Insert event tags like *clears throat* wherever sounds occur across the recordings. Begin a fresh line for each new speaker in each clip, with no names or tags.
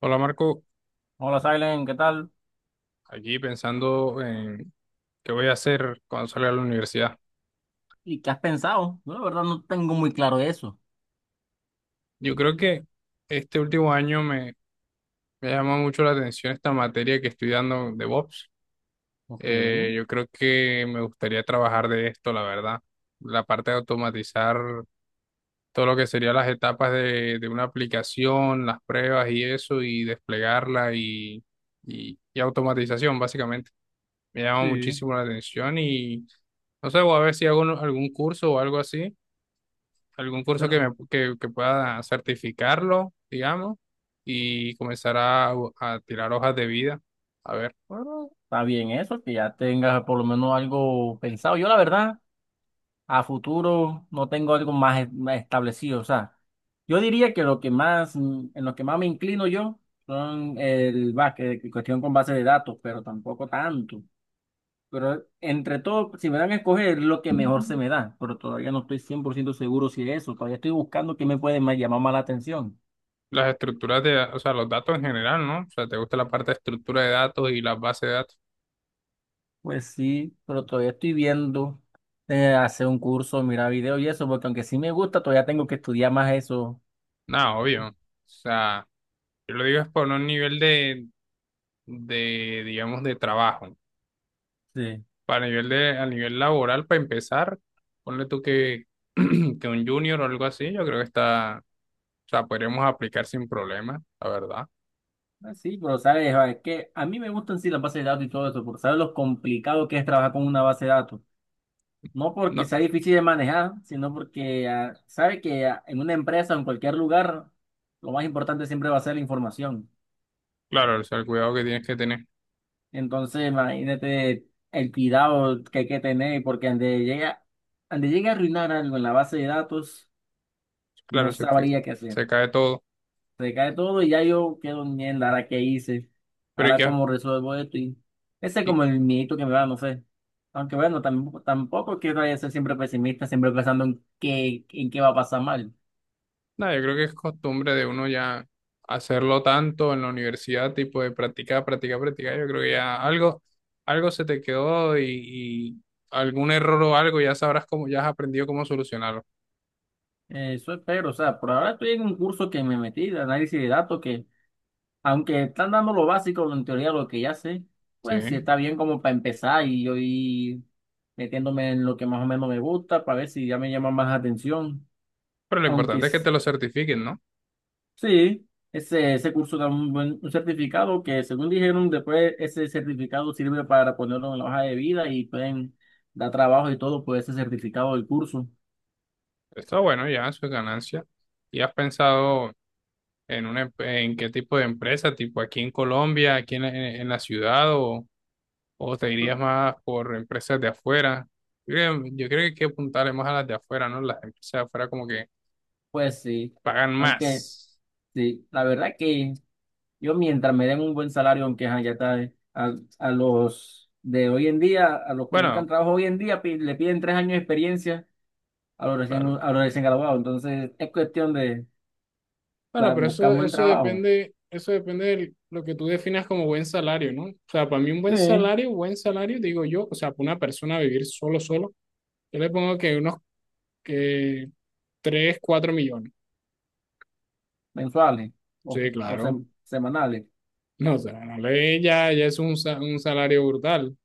Hola Marco,
Hola, Silen, ¿qué tal?
aquí pensando en qué voy a hacer cuando salga de la universidad.
¿Y qué has pensado? Yo la verdad no tengo muy claro eso.
Yo creo que este último año me llama mucho la atención esta materia que estoy dando de DevOps.
Ok,
Yo creo que me gustaría trabajar de esto, la verdad. La parte de automatizar todo lo que serían las etapas de una aplicación, las pruebas y eso, y desplegarla y automatización, básicamente. Me llama
sí,
muchísimo la atención y no sé, voy a ver si algún curso o algo así, algún curso
pero,
que pueda certificarlo, digamos, y comenzar a tirar hojas de vida. A ver,
pero está bien eso, que ya tengas por lo menos algo pensado. Yo la verdad, a futuro no tengo algo más, más establecido. O sea, yo diría que lo que más, en lo que más me inclino yo son el básquet, cuestión con base de datos, pero tampoco tanto. Pero entre todo, si me dan a escoger, lo que mejor se me da. Pero todavía no estoy 100% seguro si es eso. Todavía estoy buscando qué me puede más llamar más la atención.
las estructuras o sea, los datos en general, ¿no? O sea, ¿te gusta la parte de estructura de datos y las bases de datos?
Pues sí, pero todavía estoy viendo hacer un curso, mirar videos y eso, porque aunque sí me gusta, todavía tengo que estudiar más eso.
Nada, obvio. O sea, yo lo digo es por un nivel digamos, de trabajo.
Sí.
Para a nivel laboral, para empezar, ponle tú que, *clears throat* que un junior o algo así, yo creo que está, o sea, podríamos aplicar sin problema, la verdad.
Ah, sí, pero sabes, ah, es que a mí me gustan sí las bases de datos y todo eso, porque sabes lo complicado que es trabajar con una base de datos. No porque
No.
sea difícil de manejar, sino porque sabe que en una empresa o en cualquier lugar, lo más importante siempre va a ser la información.
Claro, o sea, el cuidado que tienes que tener.
Entonces, imagínate el cuidado que hay que tener, porque ande llega, ande llegue a arruinar algo en la base de datos, no
Claro,
sabría qué hacer.
se cae todo.
Se cae todo y ya yo quedo en mierda, ahora qué hice,
Pero y
ahora
que,
cómo resuelvo esto. Y ese es
y,
como el miedito que me da, no sé. Aunque bueno, tampoco quiero ser siempre pesimista, siempre pensando en en qué va a pasar mal.
nada, yo creo que es costumbre de uno ya hacerlo tanto en la universidad, tipo de practicar, practicar, practicar. Yo creo que ya algo se te quedó y algún error o algo ya sabrás cómo, ya has aprendido cómo solucionarlo.
Eso espero, o sea, por ahora estoy en un curso que me metí de análisis de datos que, aunque están dando lo básico, en teoría lo que ya sé,
Sí.
pues sí está bien como para empezar y yo ir metiéndome en lo que más o menos me gusta para ver si ya me llama más atención.
Pero lo
Aunque
importante es que
s-
te lo certifiquen, ¿no?
sí, ese curso da un buen un certificado que según dijeron, después ese certificado sirve para ponerlo en la hoja de vida y pueden dar trabajo y todo por ese certificado del curso.
Está bueno, ya, eso es ganancia. ¿Y has pensado en qué tipo de empresa, tipo aquí en Colombia, aquí en la ciudad o... ¿O te irías más por empresas de afuera? Yo creo que hay que apuntarle más a las de afuera, ¿no? Las empresas de afuera como que
Pues sí,
pagan
aunque...
más.
Sí, la verdad que yo mientras me den un buen salario, aunque ajá, ya está, a los de hoy en día, a los que
Bueno,
buscan trabajo hoy en día, le piden 3 años de experiencia a los
claro.
a los recién graduados. Entonces, es cuestión de
Bueno, pero
buscar un buen trabajo.
eso depende de lo que tú definas como buen salario, ¿no? O sea, para mí un
Sí,
buen salario, digo yo, o sea, para una persona vivir solo, solo, yo le pongo que unos que 3 4 millones.
mensuales
Sí,
o
claro.
semanales.
No, o sea, no le- ya, ya es un, un salario brutal.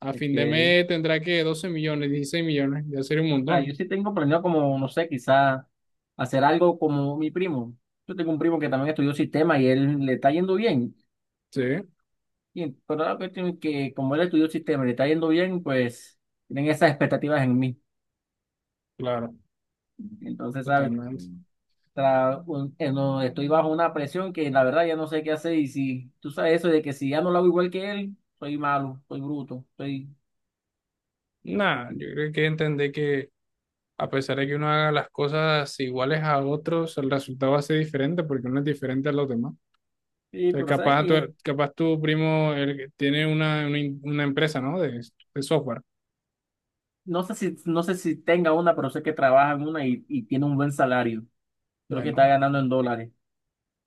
A fin de
Ok.
mes tendrá que 12 millones, 16 millones, ya sería un
O sea, yo
montón.
sí tengo planeado como, no sé, quizás hacer algo como mi primo. Yo tengo un primo que también estudió sistema y él le está yendo bien.
Sí,
Y, pero la cuestión es que como él estudió sistema y le está yendo bien, pues tienen esas expectativas en mí.
claro,
Entonces, ¿sabes?
totalmente.
No, estoy bajo una presión que la verdad ya no sé qué hacer. Y si tú sabes eso de que si ya no lo hago igual que él, soy malo, soy bruto, soy...
Nada, yo creo que entender que a pesar de que uno haga las cosas iguales a otros, el resultado va a ser diferente porque uno es diferente a los demás.
Sí,
Entonces,
pero sabes que
capaz tu primo el que tiene una empresa, ¿no? De software.
no sé si tenga una, pero sé que trabaja en una y tiene un buen salario. Creo que está
Bueno,
ganando en dólares.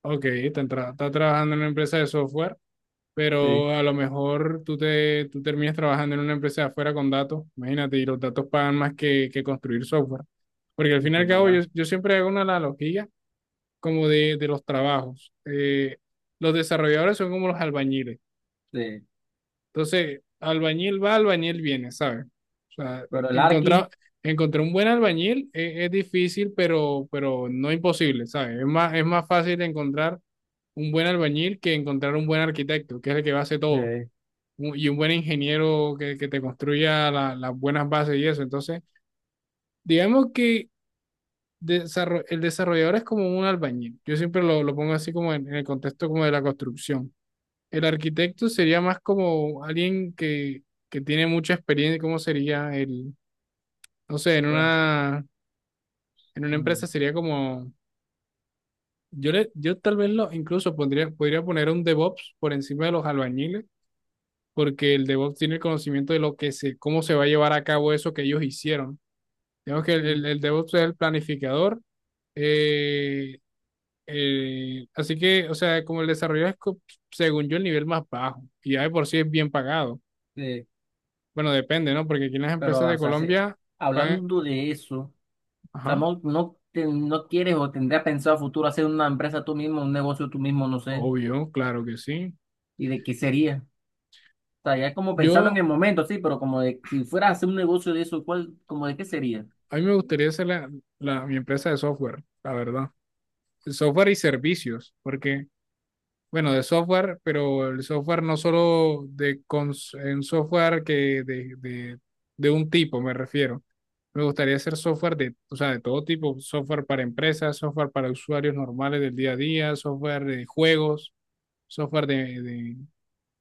ok, está trabajando en una empresa de software, pero
Sí,
a lo mejor tú terminas trabajando en una empresa de afuera con datos, imagínate, y los datos pagan más que construir software. Porque al fin y
eso
al
es
cabo
verdad.
yo siempre hago una analogía como de los trabajos. Los desarrolladores son como los albañiles.
Sí.
Entonces, albañil va, albañil viene, ¿sabes? O sea,
Pero el Arqui,
encontrar, encontrar un buen albañil es difícil, pero no imposible, ¿sabes? Es más fácil encontrar un buen albañil que encontrar un buen arquitecto, que es el que va a hacer
sí.
y un buen ingeniero que te construya las buenas bases y eso. Entonces, digamos que el desarrollador es como un albañil. Yo siempre lo pongo así como en el contexto como de la construcción. El arquitecto sería más como alguien que tiene mucha experiencia, ¿cómo sería el, no sé,
Bueno,
en una empresa
mm,
sería como, yo tal vez lo incluso pondría, podría poner un DevOps por encima de los albañiles, porque el DevOps tiene el conocimiento de lo que se, cómo se va a llevar a cabo eso que ellos hicieron. Digamos que
sí.
el DevOps es el planificador. eh, así que, o sea, como el desarrollo es, según yo, el nivel más bajo y ya de por sí es bien pagado.
Sí.
Bueno, depende, ¿no? Porque aquí en las
Pero,
empresas de
o sea,
Colombia pagan,
hablando de eso, o sea,
ajá,
no quieres o tendrías pensado a futuro hacer una empresa tú mismo, un negocio tú mismo, no sé,
obvio, claro que sí.
y de qué sería. O sea, ya es como pensarlo en
Yo,
el momento, sí, pero como de si fueras a hacer un negocio de eso, ¿cuál, como de qué sería?
a mí me gustaría hacer mi empresa de software, la verdad. El software y servicios, porque, bueno, de software, pero el software no solo de cons- en software que de un tipo, me refiero. Me gustaría hacer software de, o sea, de todo tipo, software para empresas, software para usuarios normales del día a día, software de juegos, software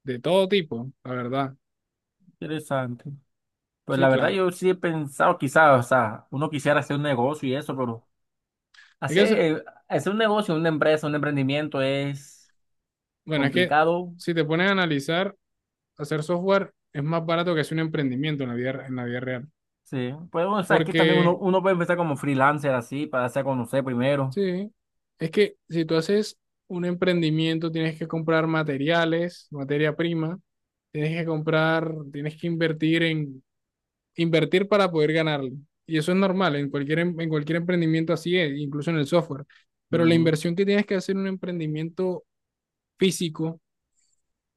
de todo tipo, la verdad.
Interesante. Pues
Sí,
la verdad
claro.
yo sí he pensado quizás, o sea, uno quisiera hacer un negocio y eso, pero
Es que, eso-
hacer un negocio, una empresa, un emprendimiento es
bueno, es que
complicado.
si te pones a analizar, hacer software es más barato que hacer un emprendimiento en la vida real.
Sí. Pues bueno, o sea, aquí también
Porque,
uno puede empezar como freelancer así, para hacer conocer primero.
sí, es que si tú haces un emprendimiento, tienes que comprar materiales, materia prima. Tienes que comprar, tienes que invertir para poder ganarle. Y eso es normal, en en cualquier emprendimiento así es, incluso en el software. Pero la
Ujú,
inversión que tienes que hacer en un emprendimiento físico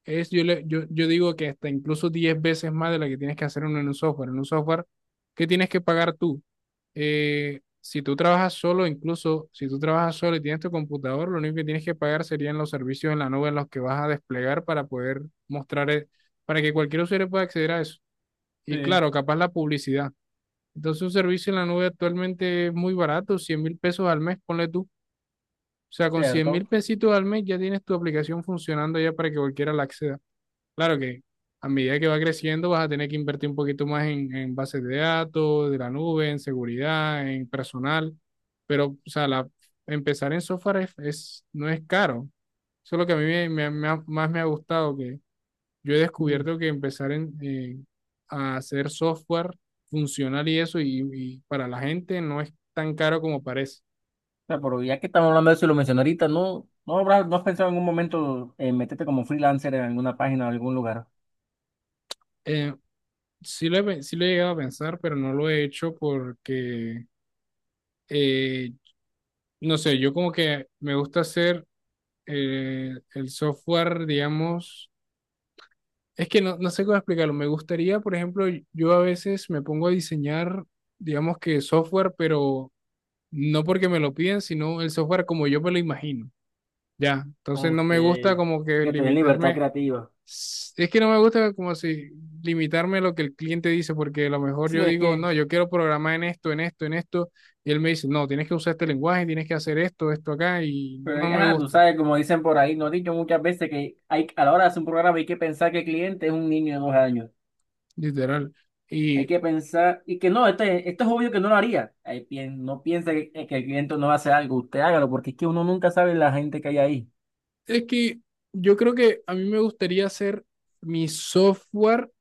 es, yo digo que hasta incluso 10 veces más de la que tienes que hacer en un software. En un software, ¿qué tienes que pagar tú? Si tú trabajas solo, incluso si tú trabajas solo y tienes tu computador, lo único que tienes que pagar serían los servicios en la nube en los que vas a desplegar para poder mostrar, eh, para que cualquier usuario pueda acceder a eso. Y
sí,
claro, capaz la publicidad. Entonces, un servicio en la nube actualmente es muy barato, 100.000 pesos al mes, ponle tú. O sea, con cien
cierto.
mil pesitos al mes ya tienes tu aplicación funcionando ya para que cualquiera la acceda. Claro que a medida que va creciendo vas a tener que invertir un poquito más en bases de datos, de la nube, en seguridad, en personal. Pero, o sea, empezar en software es, no es caro. Eso es lo que a mí más me ha gustado, que yo he
Mm, o
descubierto que empezar en, a hacer software funcional y eso, y para la gente no es tan caro como parece.
sea, pero ya que estamos hablando de eso y lo mencioné ahorita, ¿no has pensado en algún momento en meterte como freelancer en alguna página o algún lugar?
Eh, sí lo he llegado a pensar, pero no lo he hecho porque, eh, no sé, yo como que me gusta hacer el software, digamos, es que no, no sé cómo explicarlo. Me gustaría, por ejemplo, yo a veces me pongo a diseñar, digamos que software, pero no porque me lo piden, sino el software como yo me lo imagino. Ya, entonces no
Ok,
me gusta
que
como que
te den libertad creativa.
es que no me gusta como si limitarme a lo que el cliente dice, porque a lo mejor
Sí,
yo
es
digo,
que,
no, yo quiero programar en esto, en esto, en esto, y él me dice, no, tienes que usar este lenguaje, tienes que hacer esto, esto acá, y
pero es
no
que,
me
ajá, tú
gusta,
sabes, como dicen por ahí, nos han dicho muchas veces que hay, a la hora de hacer un programa hay que pensar que el cliente es un niño de 2 años.
literal.
Hay
Y
que pensar, y que no, este, esto es obvio que no lo haría. No piense que el cliente no va a hacer algo, usted hágalo, porque es que uno nunca sabe la gente que hay ahí.
es que yo creo que a mí me gustaría hacer mi software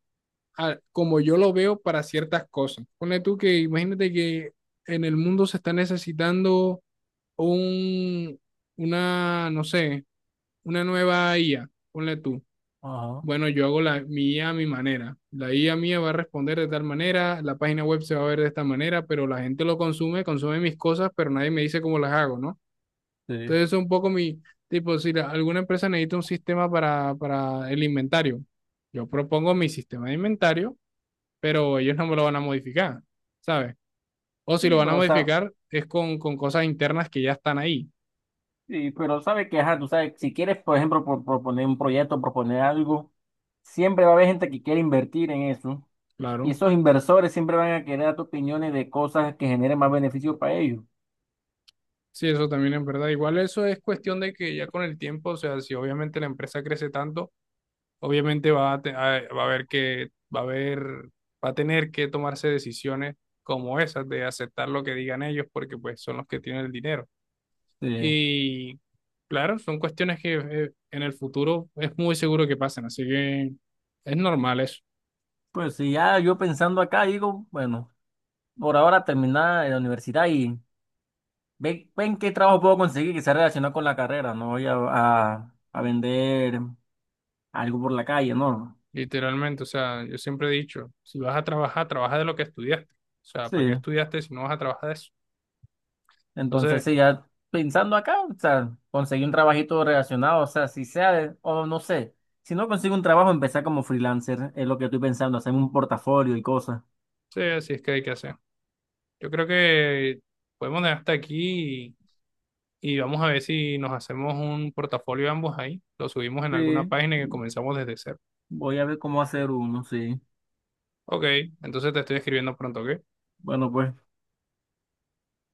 como yo lo veo para ciertas cosas. Pone tú que imagínate que en el mundo se está necesitando un, no sé, una nueva IA, ponle tú.
Ajá,
Bueno, yo hago mi IA a mi manera. La IA mía va a responder de tal manera, la página web se va a ver de esta manera, pero la gente lo consume mis cosas, pero nadie me dice cómo las hago, ¿no?
sí.
Entonces, eso es un poco mi, tipo, si alguna empresa necesita un sistema para el inventario, yo propongo mi sistema de inventario, pero ellos no me lo van a modificar, ¿sabes? O si lo
Sí,
van a
pero, o sea,
modificar es con cosas internas que ya están ahí,
sí, pero sabe que, ajá, tú sabes, si quieres, por ejemplo, proponer un proyecto, proponer algo, siempre va a haber gente que quiere invertir en eso. Y
claro.
esos inversores siempre van a querer dar tu opiniones de cosas que generen más beneficio para ellos.
Sí, eso también es verdad. Igual eso es cuestión de que ya con el tiempo, o sea, si obviamente la empresa crece tanto, obviamente va a haber que, va a haber, va a tener que tomarse decisiones como esas de aceptar lo que digan ellos porque pues son los que tienen el dinero.
Sí.
Y claro, son cuestiones que en el futuro es muy seguro que pasen, así que es normal eso.
Pues sí, ya yo pensando acá, digo, bueno, por ahora terminar la universidad y ven, ven qué trabajo puedo conseguir que sea relacionado con la carrera. No voy a vender algo por la calle, no.
Literalmente, o sea, yo siempre he dicho, si vas a trabajar, trabaja de lo que estudiaste. O sea, ¿para qué
Sí.
estudiaste si no vas a trabajar de eso?
Entonces,
Entonces,
sí, ya pensando acá, o sea, conseguí un trabajito relacionado, o sea, o no sé, si no consigo un trabajo, empezar como freelancer, es lo que estoy pensando, hacerme un portafolio y cosas.
sí, así es que hay que hacer. Yo creo que podemos dejar hasta aquí y vamos a ver si nos hacemos un portafolio ambos ahí. Lo subimos en alguna
Sí,
página que comenzamos desde cero.
voy a ver cómo hacer uno, sí.
Ok, entonces te estoy escribiendo pronto, ¿ok?
Bueno, pues.